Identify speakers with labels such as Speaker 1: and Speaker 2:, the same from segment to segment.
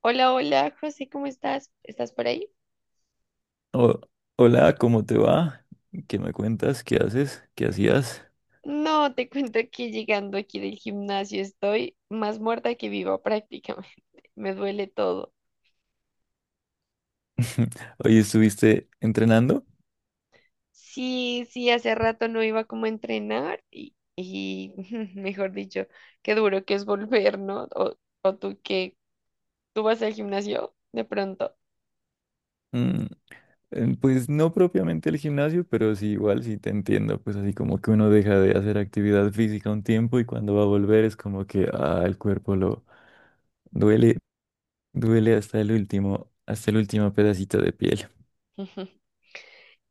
Speaker 1: Hola, hola, José, ¿cómo estás? ¿Estás por ahí?
Speaker 2: Ho- hola, ¿cómo te va? ¿Qué me cuentas? ¿Qué haces? ¿Qué hacías?
Speaker 1: No, te cuento que llegando aquí del gimnasio estoy más muerta que viva prácticamente. Me duele todo.
Speaker 2: Hoy estuviste entrenando.
Speaker 1: Sí, sí, hace rato no iba como a entrenar y mejor dicho, qué duro que es volver, ¿no? O tú que tú vas al gimnasio de pronto.
Speaker 2: Mm, pues no propiamente el gimnasio, pero sí igual, sí te entiendo. Pues así como que uno deja de hacer actividad física un tiempo y cuando va a volver es como que ah, el cuerpo lo duele, duele hasta el último pedacito de piel.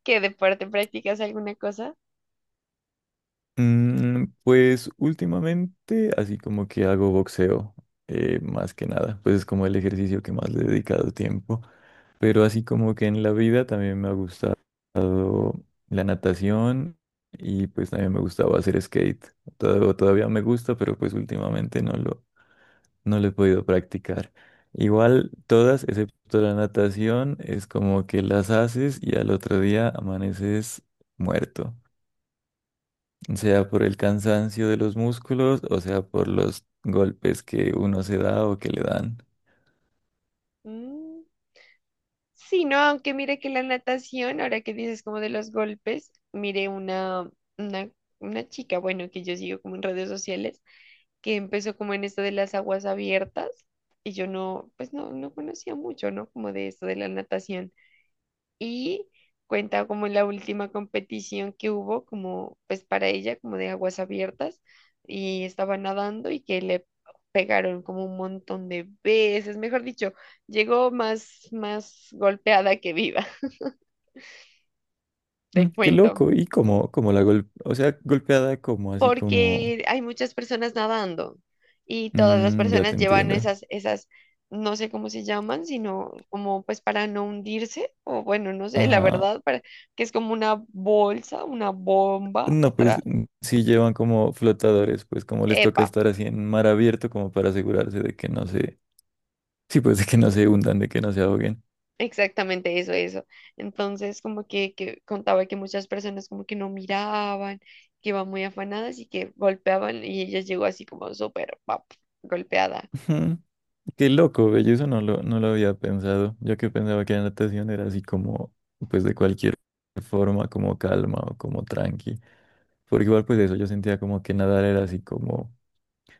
Speaker 1: ¿Qué deporte practicas alguna cosa?
Speaker 2: Pues últimamente, así como que hago boxeo, más que nada, pues es como el ejercicio que más le he dedicado tiempo, pero así como que en la vida también me ha gustado la natación y pues también me gustaba hacer skate. Todavía me gusta, pero pues últimamente no lo he podido practicar. Igual todas, excepto la natación, es como que las haces y al otro día amaneces muerto sea por el cansancio de los músculos o sea por los golpes que uno se da o que le dan.
Speaker 1: Mm. Sí, no, aunque mire que la natación, ahora que dices como de los golpes, mire una, una chica, bueno, que yo sigo como en redes sociales, que empezó como en esto de las aguas abiertas y yo no, pues no conocía mucho, ¿no? Como de esto de la natación y cuenta como la última competición que hubo, como pues para ella, como de aguas abiertas, y estaba nadando y que le pegaron como un montón de veces, mejor dicho, llegó más golpeada que viva, te
Speaker 2: Qué
Speaker 1: cuento,
Speaker 2: loco, y como o sea, golpeada como así como.
Speaker 1: porque hay muchas personas nadando y todas las
Speaker 2: Ya te
Speaker 1: personas llevan
Speaker 2: entiendo.
Speaker 1: esas no sé cómo se llaman, sino como pues para no hundirse, o bueno, no sé, la
Speaker 2: Ajá.
Speaker 1: verdad, para, que es como una bolsa, una bomba
Speaker 2: No,
Speaker 1: atrás.
Speaker 2: pues sí llevan como flotadores, pues como les toca
Speaker 1: Epa,
Speaker 2: estar así en mar abierto como para asegurarse de que no se, sí, pues de que no se hundan, de que no se ahoguen.
Speaker 1: exactamente eso, eso. Entonces, como que contaba que muchas personas como que no miraban, que iban muy afanadas y que golpeaban y ella llegó así como súper pap, golpeada.
Speaker 2: Ujú. Qué loco, güey, yo eso no lo había pensado. Yo que pensaba que la natación era así como, pues de cualquier forma, como calma o como tranqui. Porque igual pues eso, yo sentía como que nadar era así como,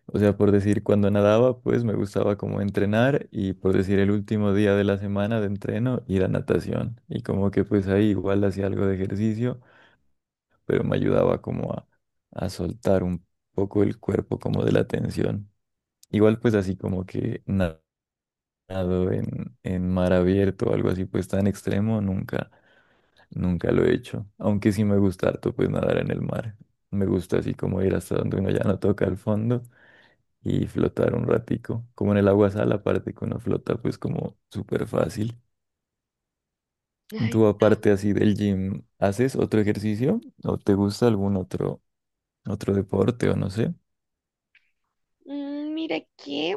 Speaker 2: o sea, por decir, cuando nadaba, pues me gustaba como entrenar y por decir el último día de la semana de entreno, ir a natación. Y como que pues ahí igual hacía algo de ejercicio, pero me ayudaba como a soltar un poco el cuerpo como de la tensión. Igual pues así como que nada nadado en mar abierto o algo así, pues tan extremo, nunca lo he hecho. Aunque sí me gusta harto, pues nadar en el mar. Me gusta así como ir hasta donde uno ya no toca el fondo y flotar un ratico. Como en el agua sal, aparte que uno flota, pues como súper fácil.
Speaker 1: Ay,
Speaker 2: Tú
Speaker 1: no.
Speaker 2: aparte así del gym, ¿haces otro ejercicio? ¿O te gusta algún otro, otro deporte o no sé?
Speaker 1: Mm, mira que,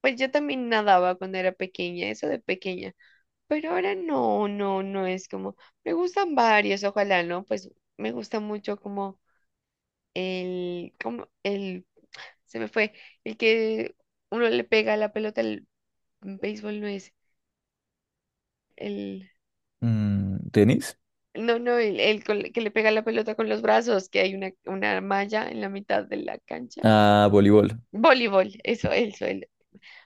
Speaker 1: pues yo también nadaba cuando era pequeña, eso de pequeña, pero ahora no, no es como, me gustan varios, ojalá, ¿no? Pues me gusta mucho como el, se me fue, el que uno le pega la pelota al béisbol no es el,
Speaker 2: Mm, ¿tenis?
Speaker 1: no, no, el que le pega la pelota con los brazos, que hay una malla en la mitad de la cancha.
Speaker 2: Ah, voleibol.
Speaker 1: Voleibol, eso, el...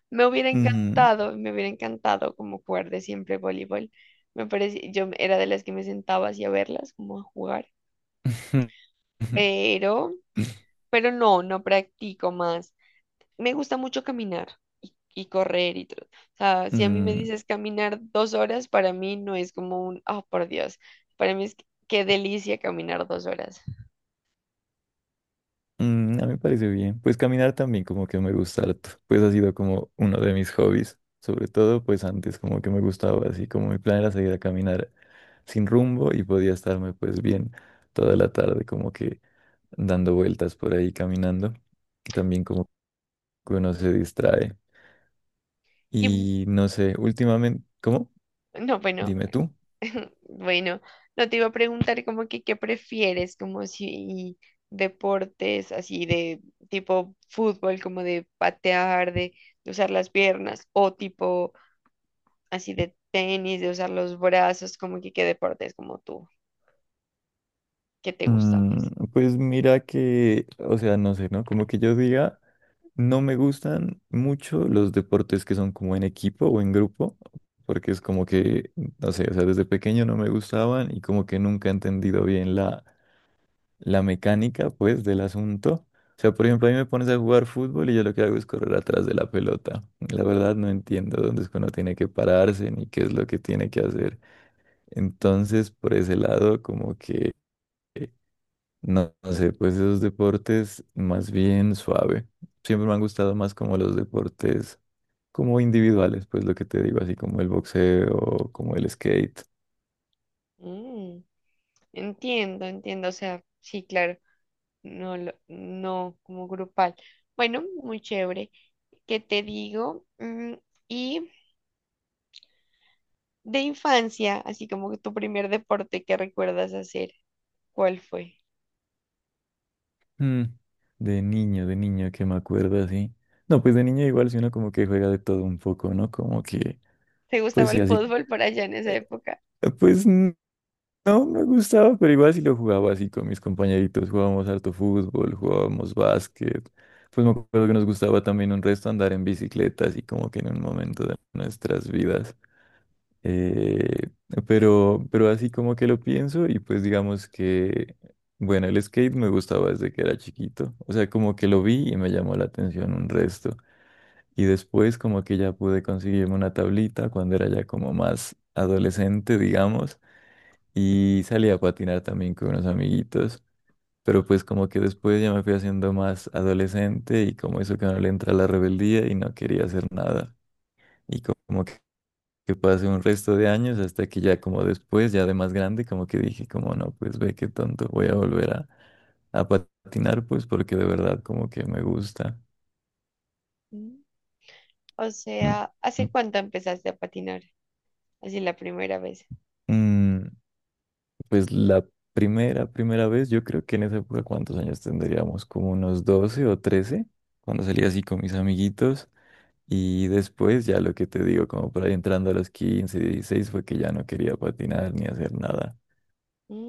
Speaker 2: Ujú.
Speaker 1: Me hubiera encantado como jugar de siempre voleibol. Me parece, yo era de las que me sentaba así a verlas, como a jugar, pero, pero no, no practico más. Me gusta mucho caminar y correr y todo. O sea, si a mí me
Speaker 2: Mm.
Speaker 1: dices caminar 2 horas, para mí no es como un, oh, por Dios, para mí es que qué delicia caminar 2 horas.
Speaker 2: A mí me parece bien. Pues caminar también como que me gusta harto. Pues ha sido como uno de mis hobbies. Sobre todo, pues antes como que me gustaba así, como mi plan era salir a caminar sin rumbo y podía estarme pues bien toda la tarde como que dando vueltas por ahí caminando. También como que uno se distrae.
Speaker 1: Y
Speaker 2: Y no sé, últimamente, ¿cómo?
Speaker 1: no, bueno,
Speaker 2: Dime tú.
Speaker 1: bueno, no te iba a preguntar como que qué prefieres, como si deportes así de tipo fútbol, como de patear, de usar las piernas, o tipo así de tenis, de usar los brazos, como que qué deportes como tú, qué te gusta más.
Speaker 2: Pues mira que, o sea, no sé, ¿no? Como que yo diga... No me gustan mucho los deportes que son como en equipo o en grupo, porque es como que, no sé, o sea, desde pequeño no me gustaban y como que nunca he entendido bien la mecánica, pues, del asunto. O sea, por ejemplo, a mí me pones a jugar fútbol y yo lo que hago es correr atrás de la pelota. La verdad no entiendo dónde es que uno tiene que pararse ni qué es lo que tiene que hacer. Entonces, por ese lado, como que, no, no sé, pues esos deportes más bien suave. Siempre me han gustado más como los deportes como individuales, pues lo que te digo, así como el boxeo, como el skate.
Speaker 1: Mm. Entiendo, entiendo, o sea, sí, claro, no, lo, no como grupal. Bueno, muy chévere. ¿Qué te digo? Mm, y de infancia, así como que tu primer deporte que recuerdas hacer, ¿cuál fue?
Speaker 2: Mm, de niño, de niño, que me acuerdo así. No, pues de niño igual, si uno como que juega de todo un poco, ¿no? Como que,
Speaker 1: ¿Te gustaba
Speaker 2: pues sí,
Speaker 1: el
Speaker 2: así.
Speaker 1: fútbol por allá en esa
Speaker 2: eh,
Speaker 1: época?
Speaker 2: Pues no me gustaba, pero igual sí lo jugaba así con mis compañeritos. Jugábamos harto fútbol, jugábamos básquet. Pues me acuerdo que nos gustaba también un resto andar en bicicleta, así como que en un momento de nuestras vidas. Eh, pero así como que lo pienso y pues digamos que, bueno, el skate me gustaba desde que era chiquito. O sea, como que lo vi y me llamó la atención un resto. Y después como que ya pude conseguirme una tablita cuando era ya como más adolescente, digamos. Y salí a patinar también con unos amiguitos. Pero pues como que después ya me fui haciendo más adolescente y como eso que no le entra la rebeldía y no quería hacer nada. Y como que pase un resto de años hasta que ya como después, ya de más grande, como que dije, como no, pues ve qué tonto, voy a volver a patinar, pues porque de verdad como que me gusta.
Speaker 1: Mm. O
Speaker 2: Mm,
Speaker 1: sea,
Speaker 2: mm,
Speaker 1: ¿hace cuánto empezaste a patinar? Así la primera vez.
Speaker 2: mm, Pues la primera vez, yo creo que en esa época, ¿cuántos años tendríamos? Como unos 12 o 13 cuando salía así con mis amiguitos. Y después ya lo que te digo, como por ahí entrando a los 15, 16 fue que ya no quería patinar ni hacer nada.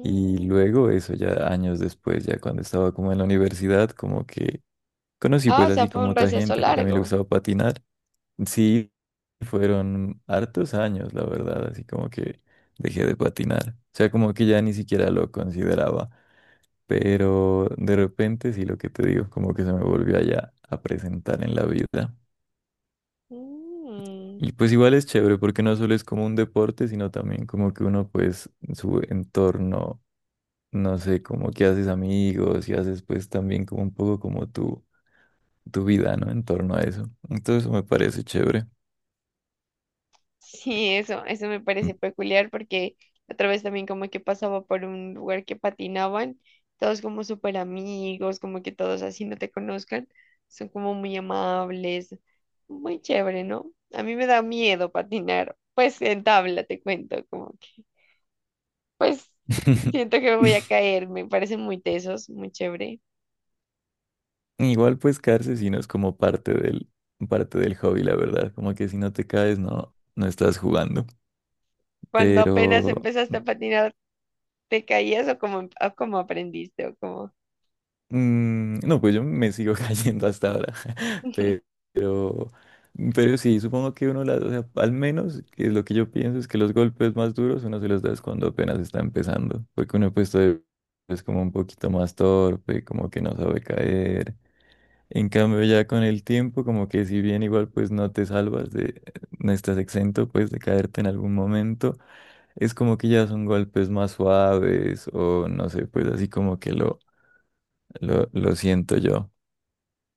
Speaker 2: Y luego eso ya años después, ya cuando estaba como en la universidad, como que conocí
Speaker 1: Ah,
Speaker 2: pues
Speaker 1: o sea,
Speaker 2: así
Speaker 1: fue
Speaker 2: como
Speaker 1: un
Speaker 2: otra
Speaker 1: receso
Speaker 2: gente que también le
Speaker 1: largo.
Speaker 2: gustaba patinar. Sí, fueron hartos años, la verdad, así como que dejé de patinar. O sea, como que ya ni siquiera lo consideraba, pero de repente sí lo que te digo, como que se me volvió allá a presentar en la vida.
Speaker 1: Mm.
Speaker 2: Y pues igual es chévere porque no solo es como un deporte, sino también como que uno pues su entorno no sé, como que haces amigos y haces pues también como un poco como tu vida, ¿no? En torno a eso. Entonces eso me parece chévere.
Speaker 1: Sí, eso me parece peculiar porque otra vez también como que pasaba por un lugar que patinaban, todos como súper amigos, como que todos así no te conozcan, son como muy amables, muy chévere, ¿no? A mí me da miedo patinar, pues en tabla te cuento, como que, pues siento que me voy a caer, me parecen muy tesos, muy chévere.
Speaker 2: Igual pues caerse si no es como parte del hobby, la verdad. Como que si no te caes, no, no estás jugando.
Speaker 1: Cuando apenas
Speaker 2: Pero.
Speaker 1: empezaste a patinar, ¿te caías o como, como aprendiste o como...
Speaker 2: No, pues yo me sigo cayendo hasta ahora. Pe- Pero, pero sí, supongo que uno las, o sea, al menos que es lo que yo pienso es que los golpes más duros uno se los da es cuando apenas está empezando. Porque uno pues todavía es como un poquito más torpe, como que no sabe caer. En cambio, ya con el tiempo, como que si bien igual pues no te salvas de, no estás exento pues de caerte en algún momento. Es como que ya son golpes más suaves o no sé, pues así como que lo siento yo,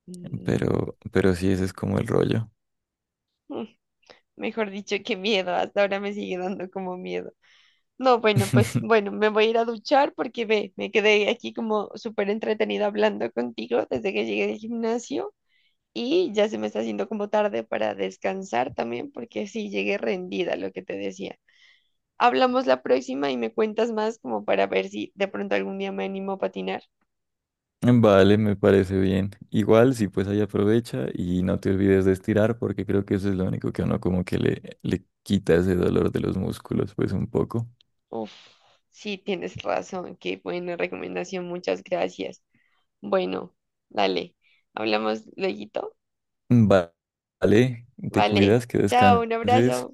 Speaker 1: Mm.
Speaker 2: pero sí, ese es como el rollo.
Speaker 1: Mejor dicho, qué miedo, hasta ahora me sigue dando como miedo. No, bueno, pues bueno, me voy a ir a duchar porque ve, me quedé aquí como súper entretenida hablando contigo desde que llegué del gimnasio y ya se me está haciendo como tarde para descansar también porque sí llegué rendida, lo que te decía. Hablamos la próxima y me cuentas más como para ver si de pronto algún día me animo a patinar.
Speaker 2: Vale, me parece bien. Igual, sí, pues ahí aprovecha y no te olvides de estirar porque creo que eso es lo único que a uno como que le quita ese dolor de los músculos, pues un poco.
Speaker 1: Uf, sí, tienes razón, qué buena recomendación, muchas gracias. Bueno, dale, hablamos luego.
Speaker 2: Va- Vale, te
Speaker 1: Vale,
Speaker 2: cuidas, que
Speaker 1: chao, un abrazo.
Speaker 2: descanses.